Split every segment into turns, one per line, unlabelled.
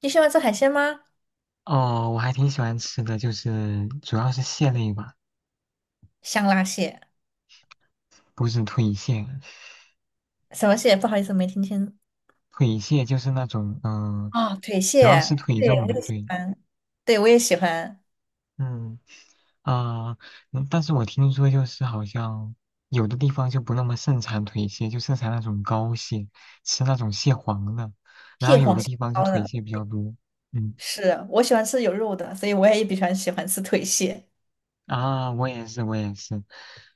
你喜欢吃海鲜吗？
哦，我还挺喜欢吃的，就是主要是蟹类吧，
香辣蟹，
不是腿蟹。
什么蟹？不好意思，没听清。
腿蟹就是那种，
啊。腿
主要是
蟹，
腿
对，
肉
我
的，
也喜
对，
欢，对，我也喜欢
嗯，啊、但是我听说就是好像有的地方就不那么盛产腿蟹，就盛产那种膏蟹，吃那种蟹黄的，然后
蟹
有
黄
的
蟹
地方就
膏
腿
的。
蟹比较多，嗯。
是，我喜欢吃有肉的，所以我也比较喜欢吃腿蟹。
啊，我也是，我也是。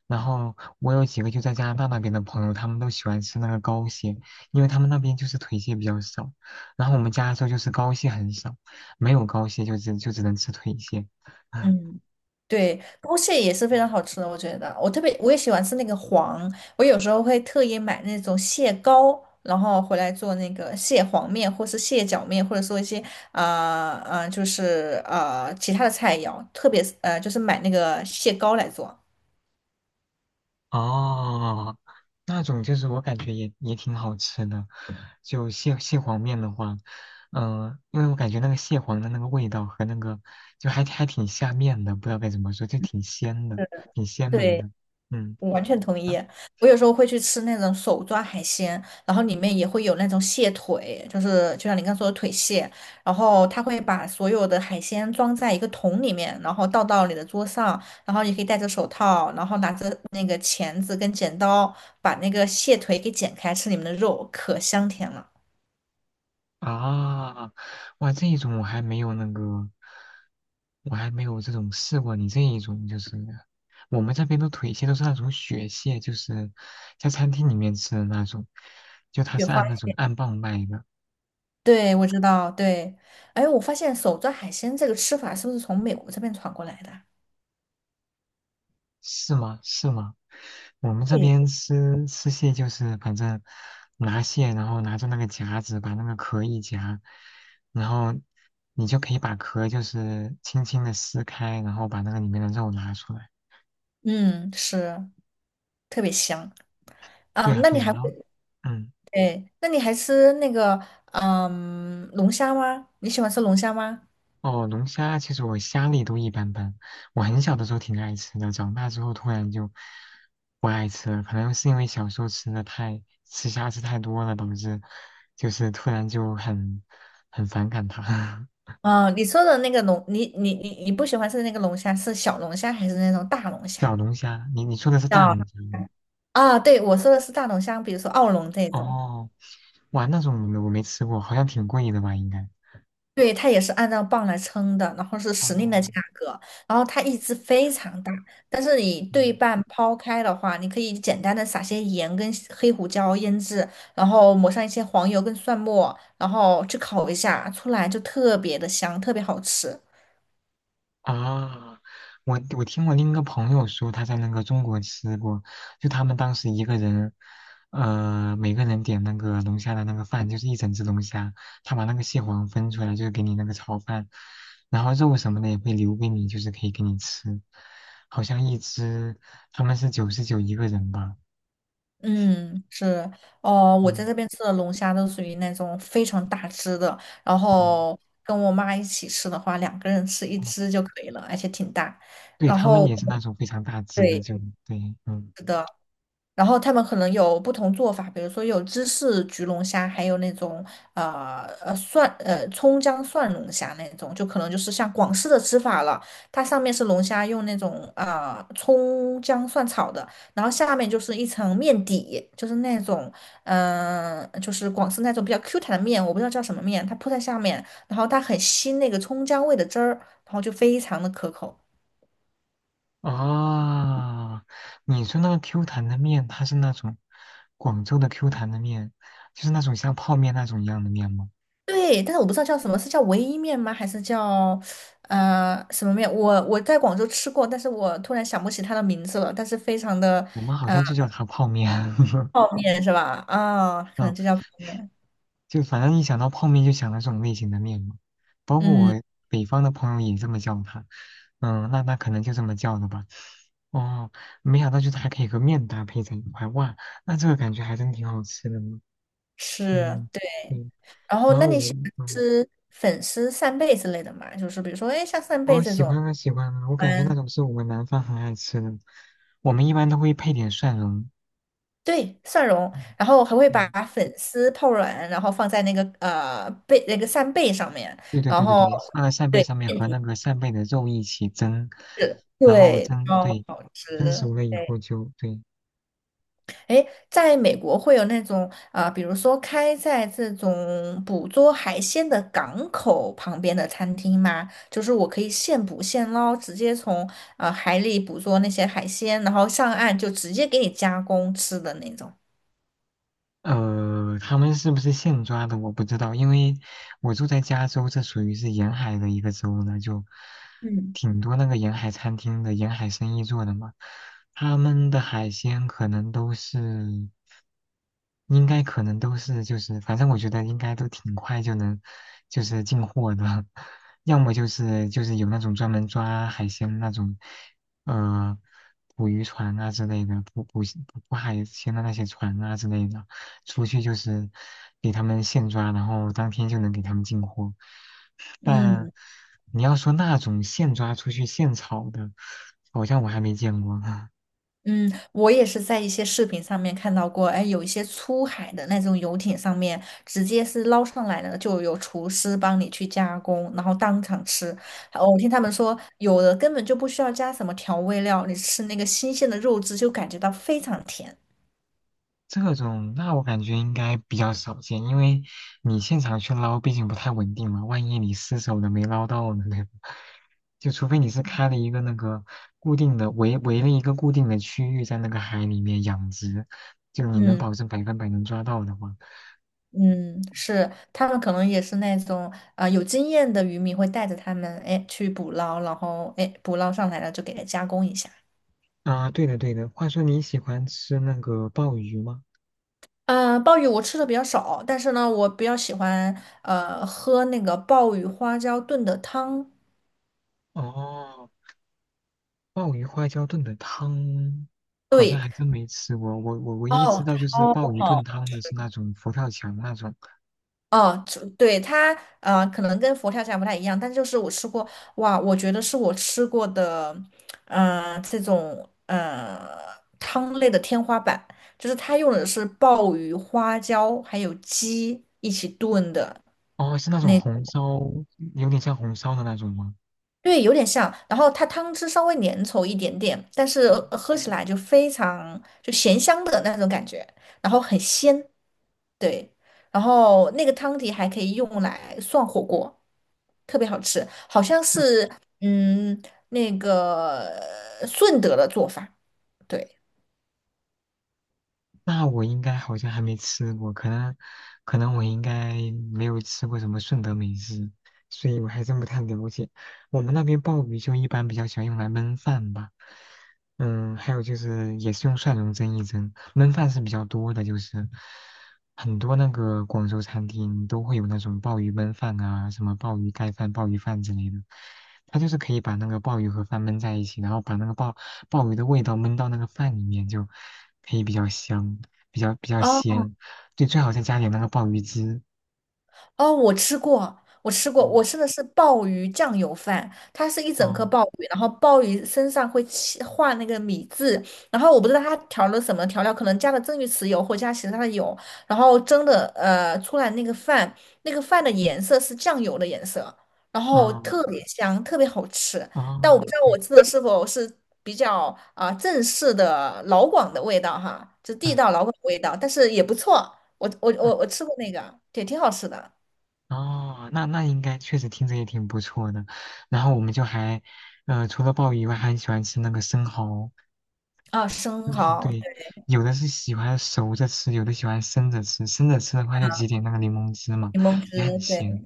然后我有几个就在加拿大那边的朋友，他们都喜欢吃那个膏蟹，因为他们那边就是腿蟹比较少，然后我们加州就是膏蟹很少，没有膏蟹就只能吃腿蟹。
嗯，对，剥蟹也是非常好吃的，我觉得。我特别我也喜欢吃那个黄，我有时候会特意买那种蟹膏，然后回来做那个蟹黄面，或是蟹脚面，或者说一些就是其他的菜肴，特别是就是买那个蟹膏来做。
哦，那种就是我感觉也挺好吃的，就蟹黄面的话，因为我感觉那个蟹黄的那个味道和那个就还挺下面的，不知道该怎么说，就挺鲜的，挺鲜美
对。
的。嗯。
我完全同意。我有时候会去吃那种手抓海鲜，然后里面也会有那种蟹腿，就是就像你刚说的腿蟹，然后他会把所有的海鲜装在一个桶里面，然后倒到你的桌上，然后你可以戴着手套，然后拿着那个钳子跟剪刀把那个蟹腿给剪开，吃里面的肉，可香甜了。
啊，哇，这一种我还没有那个，我还没有这种试过。你这一种就是，我们这边的腿蟹都是那种雪蟹，就是在餐厅里面吃的那种，就它
雪
是
花，
按那种按磅卖的，
对，我知道，对。哎，我发现手抓海鲜这个吃法是不是从美国这边传过来的啊？
是吗？是吗？我们这
对，
边吃蟹就是反正拿蟹，然后拿着那个夹子把那个壳一夹，然后你就可以把壳就是轻轻的撕开，然后把那个里面的肉拿出来。
嗯，是，特别香啊。
对啊，
那
对
你
啊，
还会？
然后，嗯，
对，那你还吃那个龙虾吗？你喜欢吃龙虾吗？
哦，龙虾其实我虾类都一般般，我很小的时候挺爱吃的，长大之后突然就不爱吃了，可能是因为小时候吃的太吃虾吃太多了，导致就是突然就很反感它。
嗯、你说的那个龙，你不喜欢吃那个龙虾，是小龙虾还是那种大龙虾？
小龙虾，你说的是大
叫
龙虾吗？
啊，对，我说的是大龙虾，比如说澳龙这种。
哦，哇，那种我没吃过，好像挺贵的吧？应该。
对，它也是按照磅来称的，然后是时令的
哦，
价格，然后它一只非常大，但是你对
嗯。
半抛开的话，你可以简单的撒些盐跟黑胡椒腌制，然后抹上一些黄油跟蒜末，然后去烤一下，出来就特别的香，特别好吃。
啊，我听我另一个朋友说，他在那个中国吃过，就他们当时一个人，每个人点那个龙虾的那个饭，就是一整只龙虾，他把那个蟹黄分出来，就是给你那个炒饭，然后肉什么的也会留给你，就是可以给你吃，好像一只他们是99一个人吧，
嗯，是。哦，我在
嗯
这边吃的龙虾都属于那种非常大只的，然
嗯，
后跟我妈一起吃的话，两个人吃一
哦，
只就可以了，而且挺大。
对
然
他们
后
也是那种非常大只的，
对。
就对，嗯。
然后他们可能有不同做法，比如说有芝士焗龙虾，还有那种呃呃蒜呃葱姜蒜龙虾那种，就可能就是像广式的吃法了。它上面是龙虾用那种葱姜蒜炒的，然后下面就是一层面底，就是那种就是广式那种比较 Q 弹的面，我不知道叫什么面，它铺在下面，然后它很吸那个葱姜味的汁儿，然后就非常的可口。
啊，你说那个 Q 弹的面，它是那种广州的 Q 弹的面，就是那种像泡面那种一样的面吗？
对，但是我不知道叫什么，是叫唯一面吗？还是叫什么面？我在广州吃过，但是我突然想不起它的名字了。但是非常的。
我们好像就叫它泡面。
泡面是吧？可
嗯，
能就叫泡面。
就反正一想到泡面就想到这种类型的面嘛。包括
嗯，
我北方的朋友也这么叫它。嗯，那可能就这么叫的吧。哦，没想到就是还可以和面搭配在一块，哇，那这个感觉还真挺好吃的呢。
是，
嗯，
对。
对，
然后，
然
那
后
你喜
我，
欢
嗯。
吃粉丝扇贝之类的吗？就是比如说，哎，像扇贝
哦，
这
喜
种，
欢啊，喜欢啊，我感觉那
嗯，
种是我们南方很爱吃的，我们一般都会配点蒜蓉。
对，蒜蓉，然后还会把
嗯，
粉丝泡软，然后放在那个呃贝那个扇贝上面，
对，对
然
对对
后。
对对，放在扇贝
对。
上面和那个扇贝的肉一起蒸，
是，
然后
对，
蒸，
超
对，
好吃。
蒸熟了以
对，
后就对，
哎，在美国会有那种比如说开在这种捕捉海鲜的港口旁边的餐厅吗？就是我可以现捕现捞，直接从海里捕捉那些海鲜，然后上岸就直接给你加工吃的那种。
他们是不是现抓的我不知道，因为我住在加州，这属于是沿海的一个州呢，就
嗯。
挺多那个沿海餐厅的沿海生意做的嘛。他们的海鲜可能都是，应该可能都是就是，反正我觉得应该都挺快就能就是进货的，要么就是有那种专门抓海鲜那种，呃，捕鱼船啊之类的，捕海鲜的那些船啊之类的。出去就是给他们现抓，然后当天就能给他们进货。但
嗯，
你要说那种现抓出去现炒的，好像我还没见过啊。
嗯，我也是在一些视频上面看到过，哎，有一些出海的那种游艇上面，直接是捞上来的，就有厨师帮你去加工，然后当场吃。哦，我听他们说，有的根本就不需要加什么调味料，你吃那个新鲜的肉质就感觉到非常甜。
这种那我感觉应该比较少见，因为你现场去捞，毕竟不太稳定嘛，万一你失手了没捞到呢，对吧？就除非你是开了一个那个固定的围了一个固定的区域在那个海里面养殖，就你能
嗯
保证100%能抓到的话，
嗯，是，他们可能也是那种有经验的渔民会带着他们，哎，去捕捞，然后哎捕捞上来了就给它加工一下。
啊，对的对的。话说你喜欢吃那个鲍鱼吗？
鲍鱼我吃的比较少，但是呢，我比较喜欢喝那个鲍鱼花椒炖的汤。
哦，鲍鱼花椒炖的汤，好像
对，
还真没吃过。我唯一知
哦，
道就是
超
鲍鱼炖
好。
汤的是那种佛跳墙那种，
哦，就对它，可能跟佛跳墙不太一样，但就是我吃过。哇，我觉得是我吃过的，这种汤类的天花板，就是它用的是鲍鱼、花椒还有鸡一起炖的，
哦，是那种红烧，有点像红烧的那种吗？
对，有点像。然后它汤汁稍微粘稠一点点，但是喝起来就非常就咸香的那种感觉，然后很鲜。对，然后那个汤底还可以用来涮火锅，特别好吃。好像是嗯那个顺德的做法。对，
那我应该好像还没吃过，可能我应该没有吃过什么顺德美食，所以我还真不太了解。我们那边鲍鱼就一般比较喜欢用来焖饭吧，嗯，还有就是也是用蒜蓉蒸一蒸，焖饭是比较多的，就是很多那个广州餐厅都会有那种鲍鱼焖饭啊，什么鲍鱼盖饭、鲍鱼饭之类的，它就是可以把那个鲍鱼和饭焖在一起，然后把那个鲍鱼的味道焖到那个饭里面，就可以比较香，比较
啊。
鲜。就最好再加点那个鲍鱼汁。
哦，我吃过，我吃过。我
嗯，
吃的是鲍鱼酱油饭，它是一整颗
哦，
鲍鱼，然后鲍鱼身上会起画那个米字，然后我不知道它调了什么调料，可能加了蒸鱼豉油或加其他的油，然后蒸的出来那个饭，那个饭的颜色是酱油的颜色，然后
哦，
特别香，特别好吃。但我不知
哦，
道
对，
我吃的是否是比较正式的老广的味道哈，就地
嗯，
道老广的味道，但是也不错，我我
啊
我我吃过那个，也挺好吃的。
哦，那应该确实听着也挺不错的。然后我们就还，除了鲍鱼以外，还很喜欢吃那个生蚝。
啊，生
生蚝，
蚝、
对，有的是喜欢熟着吃，有的喜欢生着吃。生着吃的话，就挤点那个柠檬汁嘛，
柠檬
也很
汁，对
鲜。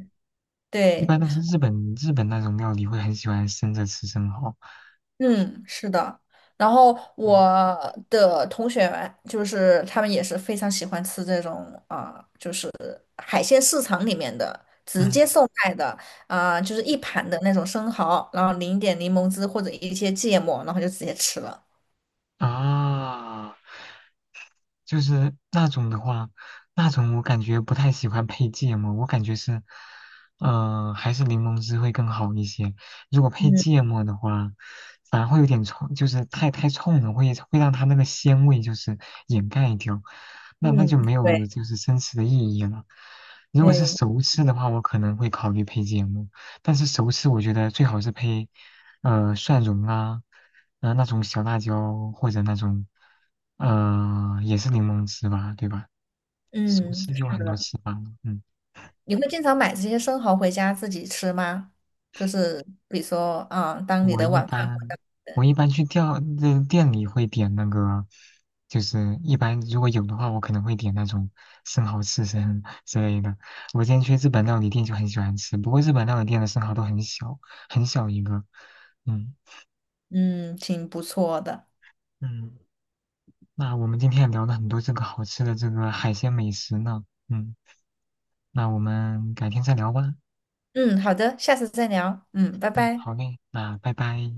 一
对，
般都是日本那种料理会很喜欢生着吃生蚝。
嗯，是的。然后我
嗯
的同学就是他们也是非常喜欢吃这种啊、海鲜市场里面的直
嗯
接售卖的就是一盘的那种生蚝，然后淋一点柠檬汁或者一些芥末，然后就直接吃了。
啊，就是那种的话，那种我感觉不太喜欢配芥末，我感觉是，还是柠檬汁会更好一些。如果配
嗯
芥末的话，反而会有点冲，就是太冲了，会让它那个鲜味就是掩盖掉，那就
嗯，
没
对
有就是真实的意义了。如果是
对。
熟吃的话，我可能会考虑配芥末，但是熟吃我觉得最好是配。蒜蓉啊，那种小辣椒或者那种也是柠檬汁吧，对吧？熟
嗯，
吃就有很多吃法了。嗯，
你会经常买这些生蚝回家自己吃吗？就是比如说当你
我
的
一
晚饭，
般我一般那店里会点那个，就是一般如果有的话，我可能会点那种生蚝刺身 之类的。我之前去日本料理店就很喜欢吃，不过日本料理店的生蚝都很小，很小一个。嗯
嗯，挺不错的。
嗯，那我们今天也聊了很多这个好吃的这个海鲜美食呢。嗯。那我们改天再聊吧。
嗯，好的，下次再聊。嗯，拜
嗯，
拜。
好嘞，那拜拜。